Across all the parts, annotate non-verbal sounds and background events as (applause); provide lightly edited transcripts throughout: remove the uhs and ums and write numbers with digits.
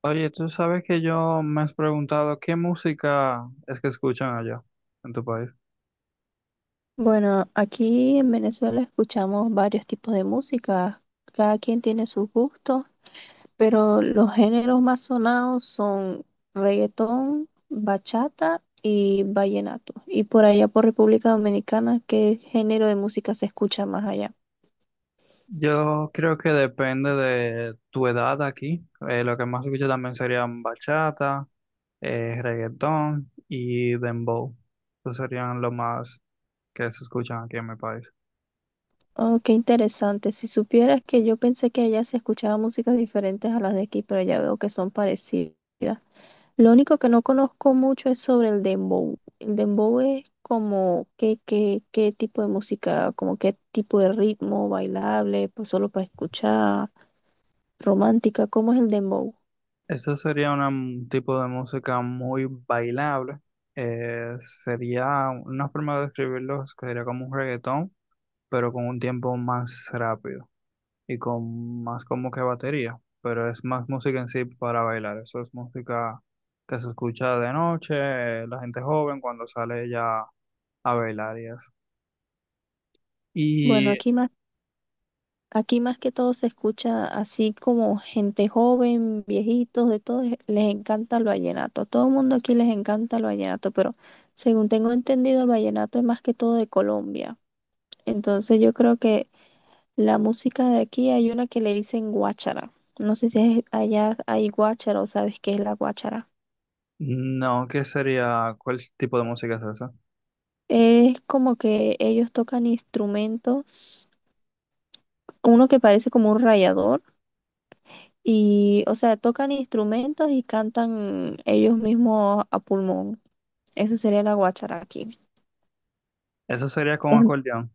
Oye, tú sabes que yo me has preguntado qué música es que escuchan allá en tu país. Bueno, aquí en Venezuela escuchamos varios tipos de música, cada quien tiene sus gustos, pero los géneros más sonados son reggaetón, bachata y vallenato. Y por allá por República Dominicana, ¿qué género de música se escucha más allá? Yo creo que depende de tu edad aquí. Lo que más escucho también serían bachata, reggaetón y dembow. Esos serían lo más que se escuchan aquí en mi país. Oh, qué interesante. Si supieras que yo pensé que allá se escuchaba músicas diferentes a las de aquí, pero ya veo que son parecidas. Lo único que no conozco mucho es sobre el dembow. El dembow es como qué tipo de música, como qué tipo de ritmo, bailable, pues solo para escuchar, romántica, ¿cómo es el dembow? Eso sería un tipo de música muy bailable. Eh, Sería una forma de describirlo, que sería como un reggaetón, pero con un tiempo más rápido. Y con más como que batería, pero es más música en sí para bailar. Eso es música que se escucha de noche, la gente joven cuando sale ya a bailar y eso. Bueno, Y aquí más que todo se escucha así como gente joven, viejitos, de todo, les encanta el vallenato. A todo el mundo aquí les encanta el vallenato, pero según tengo entendido, el vallenato es más que todo de Colombia. Entonces yo creo que la música de aquí hay una que le dicen guáchara. No sé si allá hay guáchara o sabes qué es la guáchara. no, ¿qué sería? ¿Cuál tipo de música es esa? Es como que ellos tocan instrumentos, uno que parece como un rayador, y, o sea, tocan instrumentos y cantan ellos mismos a pulmón. Eso sería la guáchara aquí. Eso sería con Em, acordeón.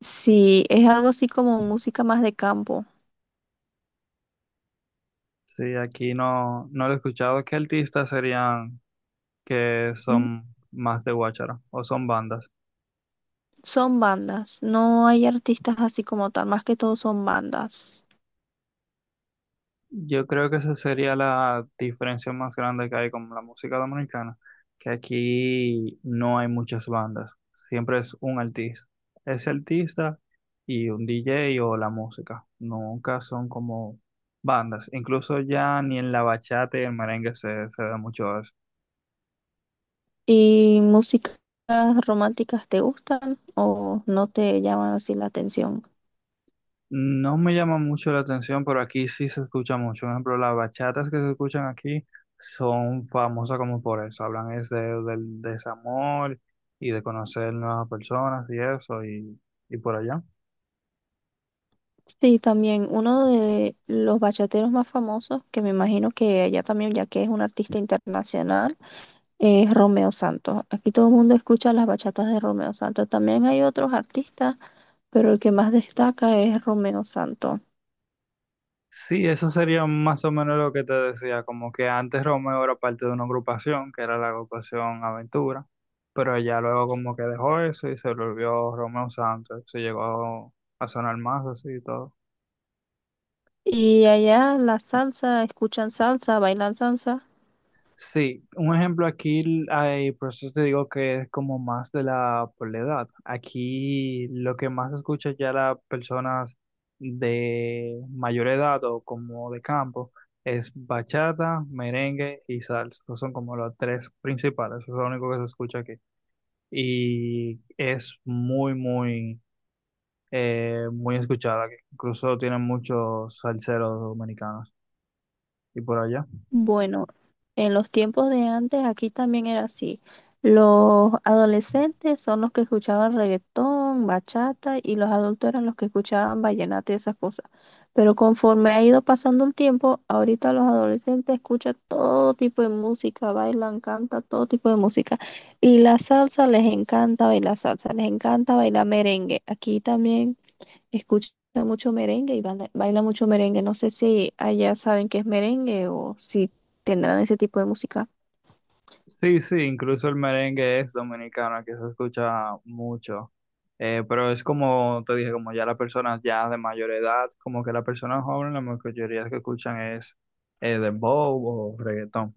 Sí, es algo así como música más de campo. Sí, aquí no, no lo he escuchado. ¿Qué artistas serían que Mm. son más de guachara o son bandas? Son bandas, no hay artistas así como tal, más que todo son bandas. Yo creo que esa sería la diferencia más grande que hay con la música dominicana, que aquí no hay muchas bandas, siempre es un artista, ese artista y un DJ o la música, nunca son como bandas, incluso ya ni en la bachata y el merengue se da mucho. ¿Y músicas románticas te gustan o no te llaman así la atención? No me llama mucho la atención, pero aquí sí se escucha mucho. Por ejemplo, las bachatas que se escuchan aquí son famosas como por eso. Hablan es del desamor y de conocer nuevas personas y por allá. Sí, también uno de los bachateros más famosos, que me imagino que allá también, ya que es un artista internacional, es Romeo Santos. Aquí todo el mundo escucha las bachatas de Romeo Santos. También hay otros artistas, pero el que más destaca es Romeo Santos. Sí, eso sería más o menos lo que te decía, como que antes Romeo era parte de una agrupación, que era la agrupación Aventura, pero ella luego como que dejó eso y se volvió Romeo Santos, se llegó a sonar más así y todo. Y allá la salsa, escuchan salsa, bailan salsa. Sí, un ejemplo aquí, hay, por eso te digo que es como más de la edad. Aquí lo que más se escucha ya las personas de mayor edad o como de campo es bachata, merengue y salsa. Esos son como los tres principales, eso es lo único que se escucha aquí. Y es muy, muy, muy escuchada aquí. Incluso tienen muchos salseros dominicanos. ¿Y por allá? Bueno, en los tiempos de antes aquí también era así. Los adolescentes son los que escuchaban reggaetón, bachata y los adultos eran los que escuchaban vallenato y esas cosas. Pero conforme ha ido pasando el tiempo, ahorita los adolescentes escuchan todo tipo de música, bailan, cantan todo tipo de música. Y la salsa, les encanta bailar salsa, les encanta bailar merengue. Aquí también escucha mucho merengue y baila mucho merengue. No sé si allá saben qué es merengue o si tendrán ese tipo de música. Sí, sí, incluso el merengue es dominicano, que se escucha mucho. Pero es como te dije, como ya las personas ya de mayor edad, como que las personas jóvenes, la mayoría que escuchan es dembow o reggaetón.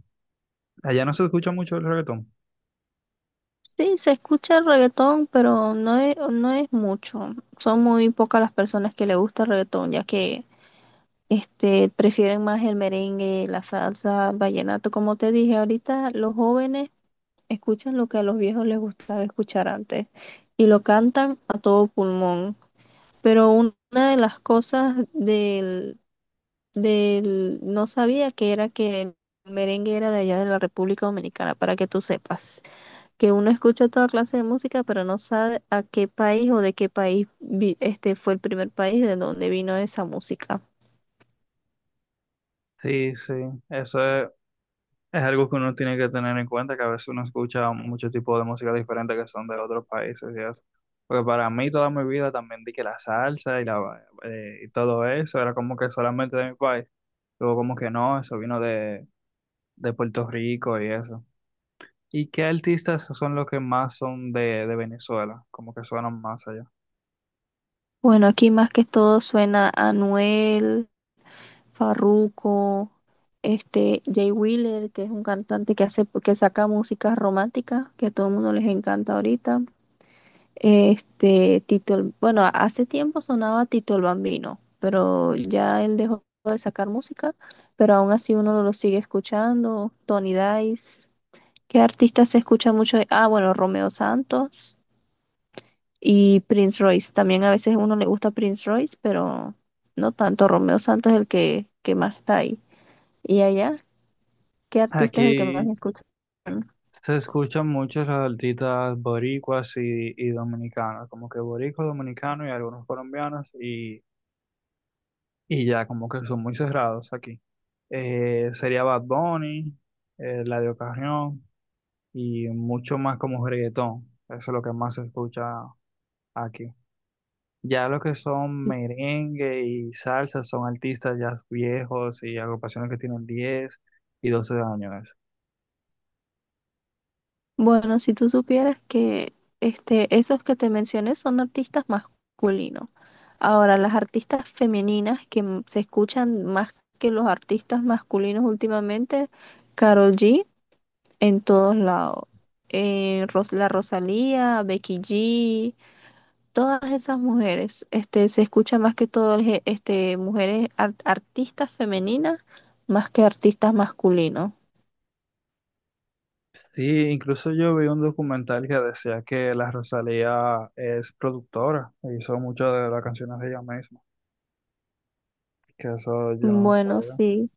Allá no se escucha mucho el reggaetón. Sí, se escucha el reggaetón, pero no es mucho. Son muy pocas las personas que le gusta el reggaetón, ya que este, prefieren más el merengue, la salsa, el vallenato. Como te dije, ahorita los jóvenes escuchan lo que a los viejos les gustaba escuchar antes y lo cantan a todo pulmón. Pero una de las cosas del, no sabía que era que el merengue era de allá de la República Dominicana, para que tú sepas, que uno escucha toda clase de música, pero no sabe a qué país o de qué país este fue el primer país de donde vino esa música. Sí, sí, eso es. Es algo que uno tiene que tener en cuenta, que a veces uno escucha muchos tipos de música diferente que son de otros países y eso. Porque para mí toda mi vida también di que la salsa y, la, ba- y todo eso era como que solamente de mi país. Luego como que no, eso vino de Puerto Rico y eso. ¿Y qué artistas son los que más son de Venezuela? Como que suenan más allá. Bueno, aquí más que todo suena Anuel, Farruko, este Jay Wheeler, que es un cantante que hace que saca música romántica, que a todo el mundo les encanta ahorita. Este, Tito, bueno, hace tiempo sonaba Tito el Bambino, pero ya él dejó de sacar música, pero aún así uno lo sigue escuchando. Tony Dice, ¿qué artistas se escucha mucho? Ah, bueno, Romeo Santos y Prince Royce. También a veces a uno le gusta Prince Royce, pero no tanto. Romeo Santos es el que más está ahí. ¿Y allá? ¿Qué artista es el que más Aquí escucha? se escuchan muchos los artistas boricuas y dominicanos, como que boricua, dominicano y algunos colombianos. Y ya como que son muy cerrados aquí. Sería Bad Bunny, Eladio Carrión y mucho más como reggaetón. Eso es lo que más se escucha aquí. Ya lo que son merengue y salsa son artistas ya viejos y agrupaciones que tienen 10 y 12 años. Bueno, si tú supieras que este, esos que te mencioné son artistas masculinos. Ahora, las artistas femeninas que se escuchan más que los artistas masculinos últimamente, Karol G en todos lados. La Rosalía, Becky G, todas esas mujeres, este, se escucha más que todo el este, mujeres artistas femeninas más que artistas masculinos. Sí, incluso yo vi un documental que decía que la Rosalía es productora e hizo muchas de las canciones de ella misma, que eso yo no lo Bueno, sabía. sí.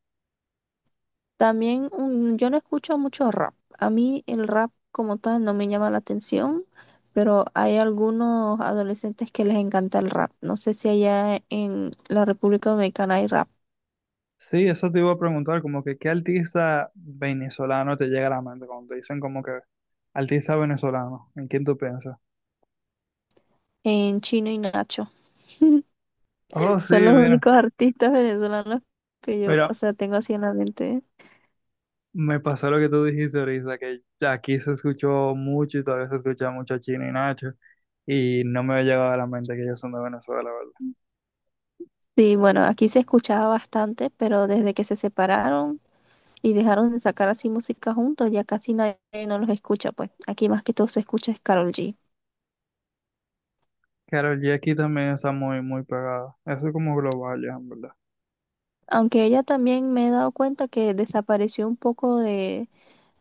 También yo no escucho mucho rap. A mí el rap como tal no me llama la atención, pero hay algunos adolescentes que les encanta el rap. No sé si allá en la República Dominicana hay rap. Sí, eso te iba a preguntar, como que qué artista venezolano te llega a la mente cuando te dicen como que artista venezolano, ¿en quién tú piensas? En Chino y Nacho. Oh, (laughs) sí, Son los mira, únicos artistas venezolanos que yo, o mira, sea, tengo así en la mente. me pasó lo que tú dijiste ahorita, que ya aquí se escuchó mucho y todavía se escucha mucho a Chino y Nacho, y no me ha llegado a la mente que ellos son de Venezuela, ¿la verdad? Sí, bueno, aquí se escuchaba bastante, pero desde que se separaron y dejaron de sacar así música juntos, ya casi nadie no los escucha, pues. Aquí más que todo se escucha es Karol G. Karol G aquí también está muy, muy pegada, eso es como global ya, en verdad. Aunque ella también me he dado cuenta que desapareció un poco de,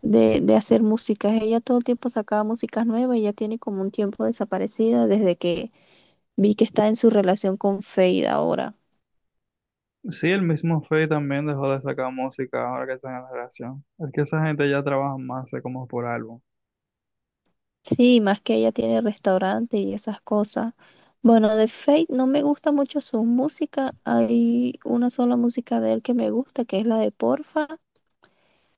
de, de hacer músicas. Ella todo el tiempo sacaba músicas nuevas y ya tiene como un tiempo desaparecida desde que vi que está en su relación con Fade ahora. Sí, el mismo Faye también dejó de sacar música ahora que está en la relación, es que esa gente ya trabaja más como por álbum. Sí, más que ella tiene restaurante y esas cosas. Bueno, de Fade no me gusta mucho su música. Hay una sola música de él que me gusta, que es la de Porfa,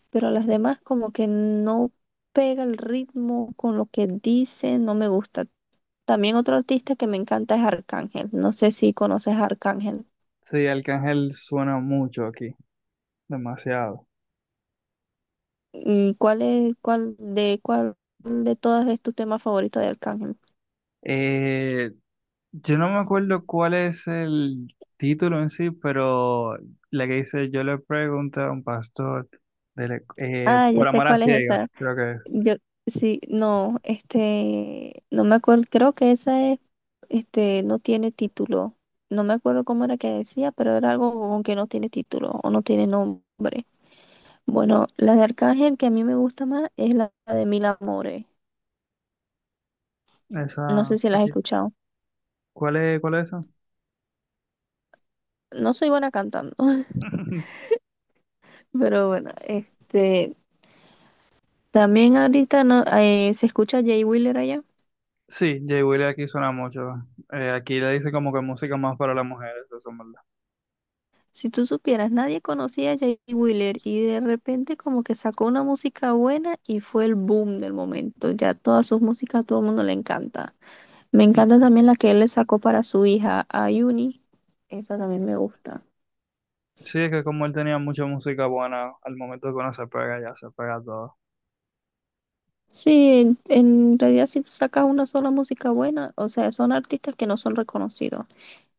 pero las demás como que no pega el ritmo con lo que dice, no me gusta. También otro artista que me encanta es Arcángel. No sé si conoces a Arcángel. Sí, Arcángel suena mucho aquí, demasiado. Mm, ¿cuál es, cuál de todas es tu tema favorito de Arcángel? Eh, yo no me acuerdo cuál es el título en sí, pero la que dice, yo le pregunté a un pastor Ah, yo por sé amor a cuál es ciegas, esa. creo que Yo sí, no, este, no me acuerdo, creo que esa es, este, no tiene título. No me acuerdo cómo era que decía, pero era algo como que no tiene título o no tiene nombre. Bueno, la de Arcángel que a mí me gusta más es la de Mil Amores. es. No Esa, sé si la has aquí. escuchado. Cuál es esa? No soy buena cantando. (laughs) (laughs) Pero bueno, este, también ahorita no, se escucha a Jay Wheeler allá. Sí, Jay Willy aquí suena mucho. Aquí le dice como que música más para las mujeres, eso es verdad. Si tú supieras, nadie conocía a Jay Wheeler y de repente como que sacó una música buena y fue el boom del momento. Ya todas sus músicas a todo el mundo le encanta. Me Mm. encanta también la que él le sacó para su hija, a Ayuni. Esa también me gusta. Sí, es que como él tenía mucha música buena, al momento que uno se pega, ya se pega todo. Sí, en realidad si tú sacas una sola música buena, o sea, son artistas que no son reconocidos.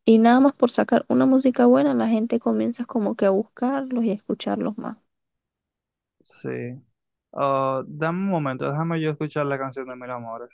Y nada más por sacar una música buena, la gente comienza como que a buscarlos y a escucharlos más. Sí. Ah, dame un momento, déjame yo escuchar la canción de Mil Amores.